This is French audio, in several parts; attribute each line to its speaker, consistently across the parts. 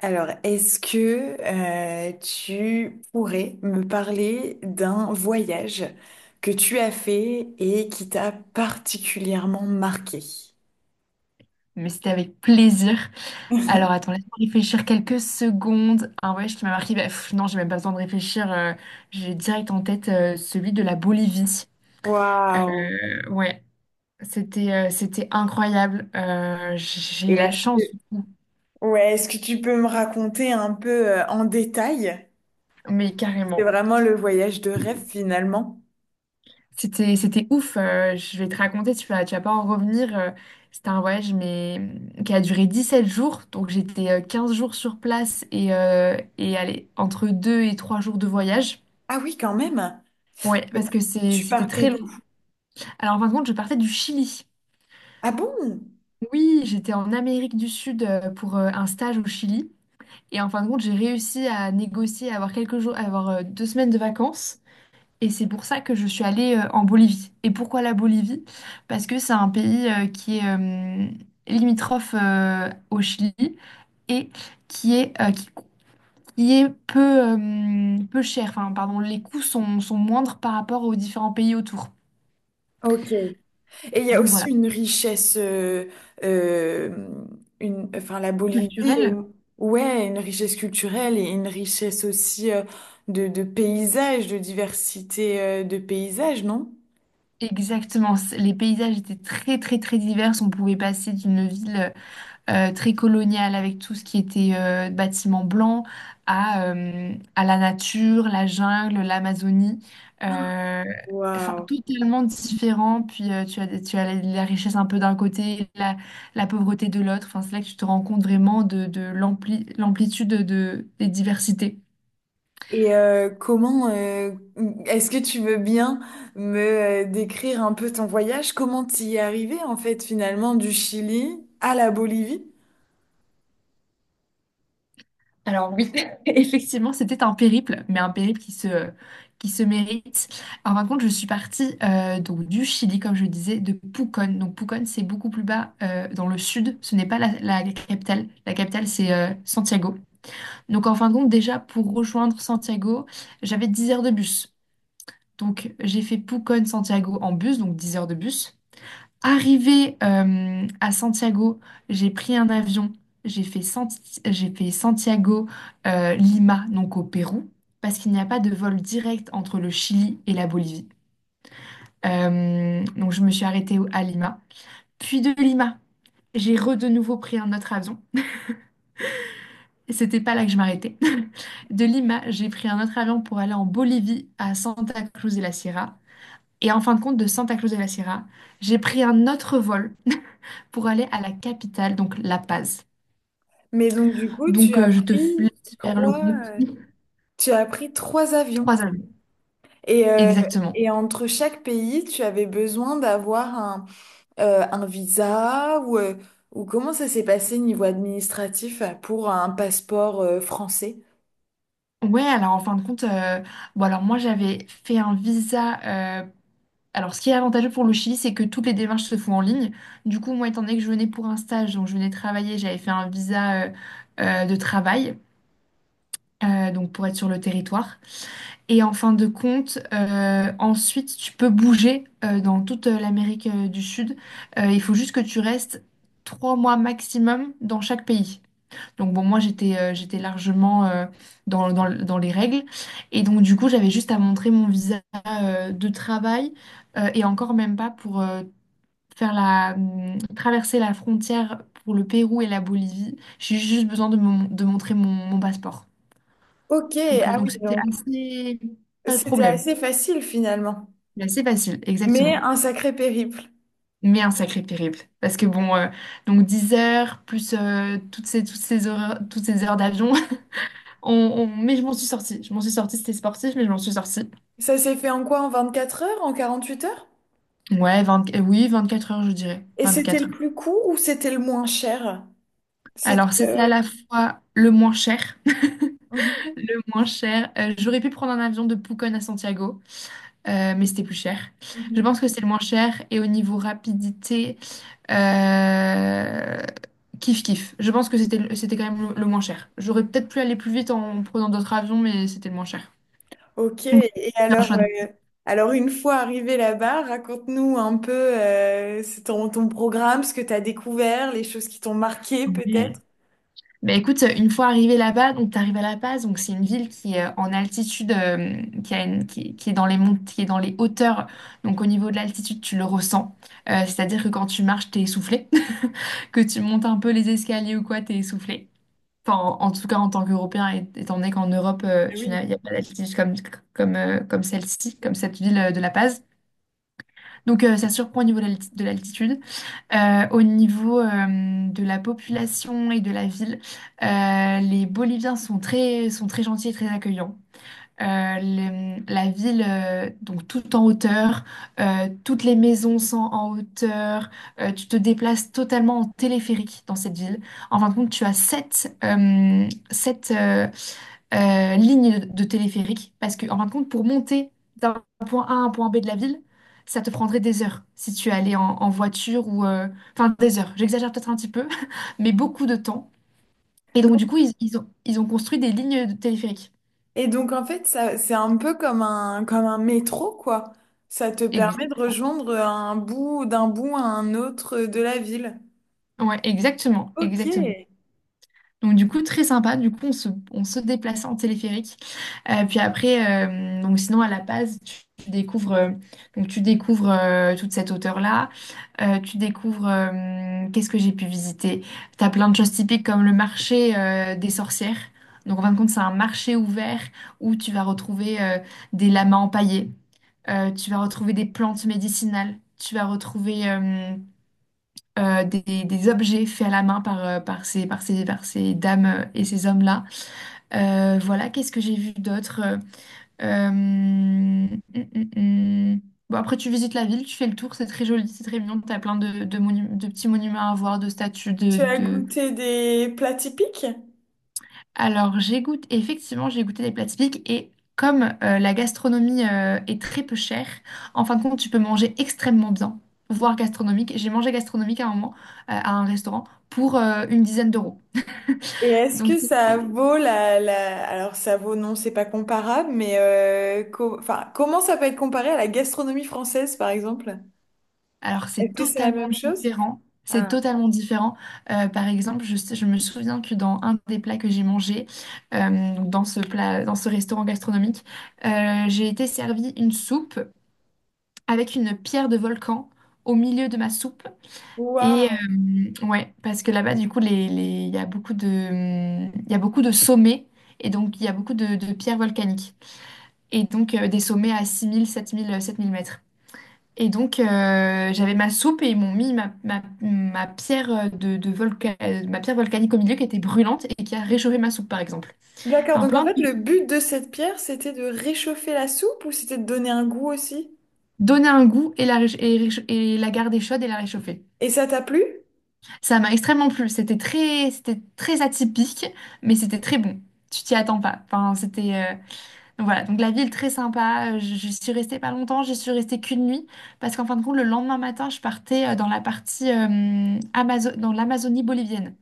Speaker 1: Alors, est-ce que tu pourrais me parler d'un voyage que tu as fait et qui t'a particulièrement marqué?
Speaker 2: Mais c'était avec plaisir. Alors attends, laisse-moi réfléchir quelques secondes. Un voyage qui m'a marqué, bah, pff, non, j'ai même pas besoin de réfléchir. J'ai direct en tête celui de la Bolivie.
Speaker 1: Waouh!
Speaker 2: Ouais, c'était incroyable. J'ai eu
Speaker 1: Et
Speaker 2: la
Speaker 1: est-ce que,
Speaker 2: chance, du coup.
Speaker 1: ouais, Est-ce que tu peux me raconter un peu en détail?
Speaker 2: Mais
Speaker 1: C'est
Speaker 2: carrément.
Speaker 1: vraiment le voyage de rêve finalement.
Speaker 2: C'était ouf. Je vais te raconter, tu vas pas en revenir. C'était un voyage mais qui a duré 17 jours. Donc j'étais 15 jours sur place et allez, entre 2 et 3 jours de voyage.
Speaker 1: Ah oui, quand même.
Speaker 2: Ouais,
Speaker 1: Et
Speaker 2: parce que c'est,
Speaker 1: Tu
Speaker 2: c'était
Speaker 1: partais
Speaker 2: très
Speaker 1: d'où?
Speaker 2: long. Alors, en fin de compte, je partais du Chili.
Speaker 1: Ah bon?
Speaker 2: Oui, j'étais en Amérique du Sud pour un stage au Chili. Et en fin de compte, j'ai réussi à négocier, à avoir quelques jours, à avoir deux semaines de vacances. Et c'est pour ça que je suis allée en Bolivie. Et pourquoi la Bolivie? Parce que c'est un pays qui est limitrophe au Chili et qui est, euh, qui, qui est peu, peu cher. Enfin, pardon, les coûts sont moindres par rapport aux différents pays autour.
Speaker 1: Ok. Et il y a
Speaker 2: Donc voilà,
Speaker 1: aussi une richesse, euh, une, enfin la Bolivie, euh,
Speaker 2: culturel.
Speaker 1: ouais, une richesse culturelle et une richesse aussi de paysages, de diversité de paysages, non?
Speaker 2: Exactement. Les paysages étaient très très très divers. On pouvait passer d'une ville très coloniale avec tout ce qui était bâtiments blancs à la nature, la jungle, l'Amazonie. Euh, enfin,
Speaker 1: Waouh.
Speaker 2: totalement différent. Puis tu as la richesse un peu d'un côté, la pauvreté de l'autre. Enfin, c'est là que tu te rends compte vraiment de l'amplitude des diversités.
Speaker 1: Et est-ce que tu veux bien me décrire un peu ton voyage? Comment t'y es arrivé en fait finalement du Chili à la Bolivie?
Speaker 2: Alors oui, effectivement, c'était un périple, mais un périple qui se mérite. En fin de compte, je suis partie donc du Chili, comme je disais, de Pucón. Donc Pucón, c'est beaucoup plus bas dans le sud. Ce n'est pas la capitale. La capitale, c'est Santiago. Donc en fin de compte, déjà, pour rejoindre Santiago, j'avais 10 heures de bus. Donc j'ai fait Pucón-Santiago en bus, donc 10 heures de bus. Arrivée à Santiago, j'ai pris un avion, j'ai fait Santiago, Lima, donc au Pérou, parce qu'il n'y a pas de vol direct entre le Chili et la Bolivie. Donc je me suis arrêtée à Lima. Puis de Lima, j'ai re de nouveau pris un autre avion. Et c'était pas là que je m'arrêtais. De Lima, j'ai pris un autre avion pour aller en Bolivie, à Santa Cruz de la Sierra. Et en fin de compte, de Santa Cruz de la Sierra, j'ai pris un autre vol pour aller à la capitale, donc La Paz.
Speaker 1: Mais donc du coup,
Speaker 2: Donc, je te f- laisse faire le
Speaker 1: trois,
Speaker 2: compte.
Speaker 1: euh, tu as pris trois avions.
Speaker 2: Trois années,
Speaker 1: Et, euh,
Speaker 2: exactement.
Speaker 1: et entre chaque pays, tu avais besoin d'avoir un visa ou comment ça s'est passé niveau administratif pour un passeport français?
Speaker 2: Ouais, alors en fin de compte, bon, alors moi j'avais fait un visa. euh, alors, ce qui est avantageux pour le Chili, c'est que toutes les démarches se font en ligne. Du coup, moi, étant donné que je venais pour un stage, donc je venais travailler, j'avais fait un visa de travail, donc pour être sur le territoire. Et en fin de compte, ensuite, tu peux bouger dans toute l'Amérique du Sud. Il faut juste que tu restes trois mois maximum dans chaque pays. Donc bon, moi j'étais largement dans les règles. Et donc du coup, j'avais juste à montrer mon visa de travail et encore même pas pour faire la traverser la frontière pour le Pérou et la Bolivie. J'ai juste besoin de montrer mon passeport.
Speaker 1: Ok,
Speaker 2: Donc euh,
Speaker 1: ah
Speaker 2: donc
Speaker 1: oui,
Speaker 2: c'était
Speaker 1: donc
Speaker 2: assez pas de
Speaker 1: c'était
Speaker 2: problème.
Speaker 1: assez facile finalement,
Speaker 2: C'est assez facile,
Speaker 1: mais
Speaker 2: exactement.
Speaker 1: un sacré périple.
Speaker 2: Mais un sacré périple. Parce que bon, donc 10 heures, plus toutes ces heures d'avion, Mais je m'en suis sortie. Je m'en suis sortie, c'était sportif, mais je m'en suis sortie.
Speaker 1: Ça s'est fait en quoi? En 24 heures? En 48 heures?
Speaker 2: Ouais, 20 euh, oui, 24 heures, je dirais.
Speaker 1: Et c'était le
Speaker 2: 24 heures.
Speaker 1: plus court ou c'était le moins cher?
Speaker 2: Alors,
Speaker 1: C'était...
Speaker 2: c'était à
Speaker 1: euh,
Speaker 2: la fois le moins cher,
Speaker 1: mhm,
Speaker 2: le moins cher. J'aurais pu prendre un avion de Pucón à Santiago, mais c'était plus cher. Je
Speaker 1: mhm.
Speaker 2: pense que c'est le moins cher. Et au niveau rapidité, euh, kiff kiff. Je pense que c'était quand même le moins cher. J'aurais peut-être pu aller plus vite en prenant d'autres avions, mais c'était le moins cher.
Speaker 1: Ok,
Speaker 2: Donc,
Speaker 1: et
Speaker 2: c'est un choix
Speaker 1: alors une fois arrivé là-bas, raconte-nous un peu c'est ton, ton programme, ce que tu as découvert, les choses qui t'ont marqué peut-être.
Speaker 2: de... Bah écoute, une fois arrivé là-bas, donc t'arrives à La Paz, donc c'est une ville qui est en altitude, qui a une- qui est dans les mont- qui est dans les hauteurs. Donc au niveau de l'altitude, tu le ressens. C'est-à-dire que quand tu marches, t'es essoufflé, que tu montes un peu les escaliers ou quoi, t'es essoufflé. Enfin, en tout cas en tant qu'Européen, étant donné qu'en Europe,
Speaker 1: Ah oui.
Speaker 2: il n'y a pas d'altitude comme celle-ci, comme cette ville de La Paz. Donc ça surprend au niveau de l'altitude. Au niveau de la population et de la ville, les Boliviens sont très gentils et très accueillants euh, la ville, donc tout en hauteur, toutes les maisons sont en hauteur, tu te déplaces totalement en téléphérique dans cette ville. En fin de compte, tu as sept lignes de téléphérique parce que, en fin de compte, pour monter d'un point A à un point B de la ville, ça te prendrait des heures si tu allais en voiture ou. Enfin, des heures, j'exagère peut-être un petit peu, mais beaucoup de temps. Et donc, du coup, ils ont construit des lignes de téléphérique.
Speaker 1: Et donc en fait, ça, c'est un peu comme un métro, quoi. Ça te permet de
Speaker 2: Exactement.
Speaker 1: rejoindre un bout d'un bout à un autre de la ville.
Speaker 2: Ouais, exactement,
Speaker 1: Ok.
Speaker 2: exactement. Donc du coup, très sympa. Du coup, on se déplaçait en téléphérique. Puis après, donc sinon à La Paz, tu découvres toute cette hauteur-là. Tu découvres, qu'est-ce que j'ai pu visiter? T'as plein de choses typiques comme le marché des sorcières. Donc en fin de compte, c'est un marché ouvert où tu vas retrouver des lamas empaillés. Tu vas retrouver des plantes médicinales. Tu vas retrouver des objets faits à la main par ces dames et ces hommes-là. Voilà, qu'est-ce que j'ai vu d'autre? Hum, hum. Bon, après, tu visites la ville, tu fais le tour, c'est très joli, c'est très mignon, t'as plein de petits monuments à voir, de statues, de,
Speaker 1: Tu as
Speaker 2: de...
Speaker 1: goûté des plats typiques?
Speaker 2: Alors, j'ai goûté, effectivement, j'ai goûté des plats typiques et comme la gastronomie est très peu chère, en fin de compte, tu peux manger extrêmement bien, voire gastronomique. J'ai mangé gastronomique à un moment, à un restaurant, pour une dizaine d'euros.
Speaker 1: Et est-ce
Speaker 2: Donc,
Speaker 1: que ça vaut la, la... Alors ça vaut, non, c'est pas comparable, mais co- enfin, comment ça peut être comparé à la gastronomie française, par exemple?
Speaker 2: alors
Speaker 1: Est-ce
Speaker 2: c'est
Speaker 1: que c'est la
Speaker 2: totalement
Speaker 1: même chose?
Speaker 2: différent. C'est
Speaker 1: Ah,
Speaker 2: totalement différent. Par exemple, je me souviens que dans un des plats que j'ai mangé, donc dans ce plat, dans ce restaurant gastronomique, j'ai été servie une soupe avec une pierre de volcan au milieu de ma soupe. Et
Speaker 1: waouh!
Speaker 2: ouais, parce que là-bas, du coup, il y a beaucoup de sommets et donc il y a beaucoup de pierres volcaniques. Et donc des sommets à 6 000, sept mille mètres. Et donc, j'avais ma soupe et ils m'ont mis ma pierre ma pierre volcanique au milieu qui était brûlante et qui a réchauffé ma soupe, par exemple.
Speaker 1: D'accord,
Speaker 2: Enfin,
Speaker 1: donc en
Speaker 2: plein
Speaker 1: fait,
Speaker 2: de...
Speaker 1: le but de cette pierre, c'était de réchauffer la soupe ou c'était de donner un goût aussi?
Speaker 2: Donner un goût et la, réch- et, réch- et la garder chaude et la réchauffer.
Speaker 1: Et ça t'a plu?
Speaker 2: Ça m'a extrêmement plu. C'était très atypique, mais c'était très bon. Tu t'y attends pas. Enfin, c'était... donc voilà, donc la ville très sympa. Je suis restée pas longtemps, je suis restée qu'une nuit. Parce qu'en fin de compte, le lendemain matin, je partais dans la partie dans l'Amazonie bolivienne.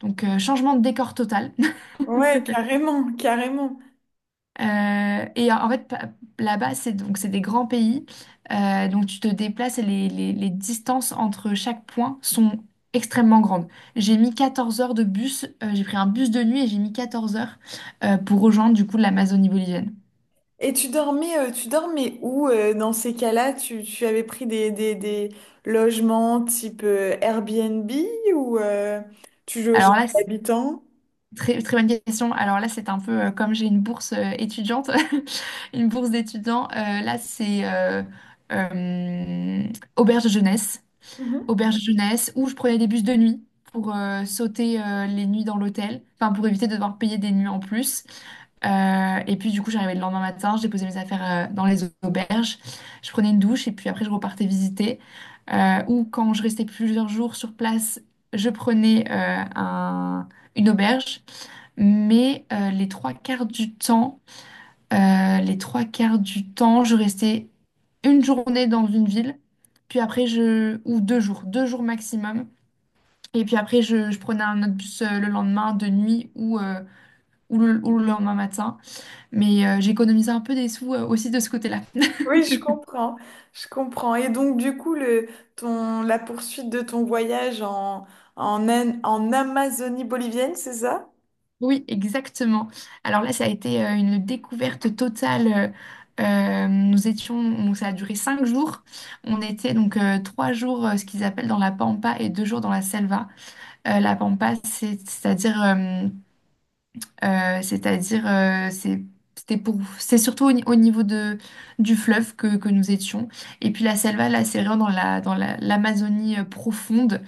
Speaker 2: Donc, changement de décor total.
Speaker 1: Ouais, carrément, carrément.
Speaker 2: Et en fait, là-bas, c'est des grands pays. Donc, tu te déplaces et les distances entre chaque point sont extrêmement grandes. J'ai mis 14 heures de bus. J'ai pris un bus de nuit et j'ai mis 14 heures pour rejoindre du coup l'Amazonie bolivienne.
Speaker 1: Et tu tu dormais où dans ces cas-là? Tu avais pris des logements type Airbnb ou tu logeais
Speaker 2: Alors là,
Speaker 1: des
Speaker 2: c'est
Speaker 1: habitants?
Speaker 2: très, très bonne question. Alors là, c'est un peu comme j'ai une bourse étudiante, une bourse d'étudiant. Là, c'est euh, auberge de jeunesse.
Speaker 1: Mhm.
Speaker 2: Auberge jeunesse, où je prenais des bus de nuit pour sauter les nuits dans l'hôtel, enfin pour éviter de devoir payer des nuits en plus. Et puis du coup, j'arrivais le lendemain matin, je déposais mes affaires dans les auberges, je prenais une douche et puis après je repartais visiter. Ou quand je restais plusieurs jours sur place, je prenais une auberge. Mais les trois quarts du temps, je restais une journée dans une ville, puis après ou 2 jours maximum. Et puis après, je prenais un autre bus le lendemain de nuit ou le lendemain matin. Mais j'économisais un peu des sous aussi de ce côté-là.
Speaker 1: Oui, je comprends, je comprends. Et donc du coup, la poursuite de ton voyage en Amazonie bolivienne, c'est ça?
Speaker 2: Oui, exactement. Alors là, ça a été une découverte totale. Nous étions, donc ça a duré 5 jours. On était donc 3 jours, ce qu'ils appellent dans la pampa et 2 jours dans la selva. La pampa, c'est-à-dire, euh, c'est-à-dire, euh, c'est c'était c'est surtout au, ni- au niveau de du fleuve que nous étions. Et puis la selva, là, c'est vraiment dans l'Amazonie profonde,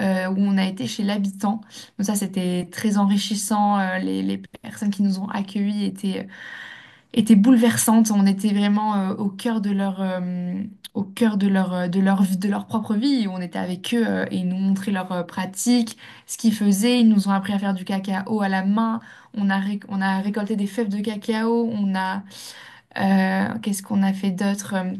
Speaker 2: où on a été chez l'habitant. Donc ça, c'était très enrichissant. Les personnes qui nous ont accueillis étaient bouleversantes. On était vraiment au cœur de leur vie, de leur propre vie. On était avec eux et ils nous montraient leurs pratiques, ce qu'ils faisaient. Ils nous ont appris à faire du cacao à la main. On a récolté des fèves de cacao. Qu'est-ce qu'on a fait d'autre?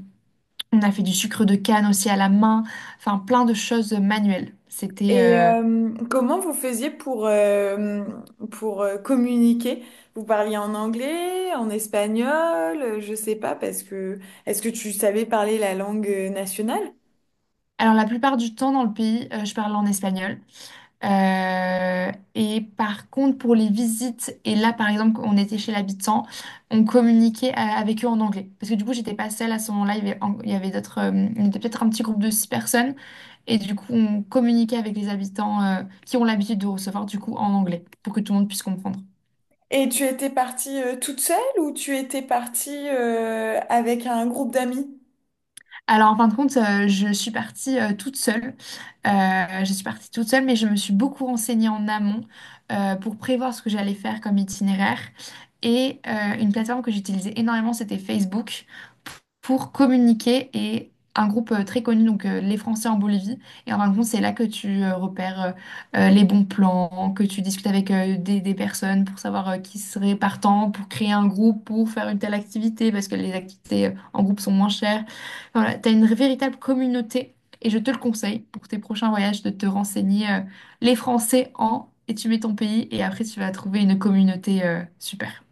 Speaker 2: On a fait du sucre de canne aussi à la main. Enfin, plein de choses manuelles.
Speaker 1: Et comment, vous faisiez pour communiquer? Vous parliez en anglais, en espagnol, je sais pas, parce que est-ce que tu savais parler la langue nationale?
Speaker 2: Alors, la plupart du temps dans le pays, je parle en espagnol. Et par contre, pour les visites, et là, par exemple, on était chez l'habitant, on communiquait avec eux en anglais. Parce que du coup, j'étais pas seule à ce moment-là, il y avait d'autres, on était peut-être un petit groupe de six personnes, et du coup, on communiquait avec les habitants qui ont l'habitude de recevoir, du coup, en anglais, pour que tout le monde puisse comprendre.
Speaker 1: Et tu étais partie toute seule ou tu étais partie avec un groupe d'amis?
Speaker 2: Alors, en fin de compte, je suis partie toute seule. Je suis partie toute seule, mais je me suis beaucoup renseignée en amont pour prévoir ce que j'allais faire comme itinéraire. Et une plateforme que j'utilisais énormément, c'était Facebook pour communiquer et un groupe très connu, donc les Français en Bolivie. Et en fin de compte, c'est là que tu repères les bons plans, que tu discutes avec des personnes pour savoir qui serait partant, pour créer un groupe, pour faire une telle activité, parce que les activités en groupe sont moins chères. Voilà, tu as une véritable communauté et je te le conseille pour tes prochains voyages de te renseigner les Français en et tu mets ton pays et après tu vas trouver une communauté super.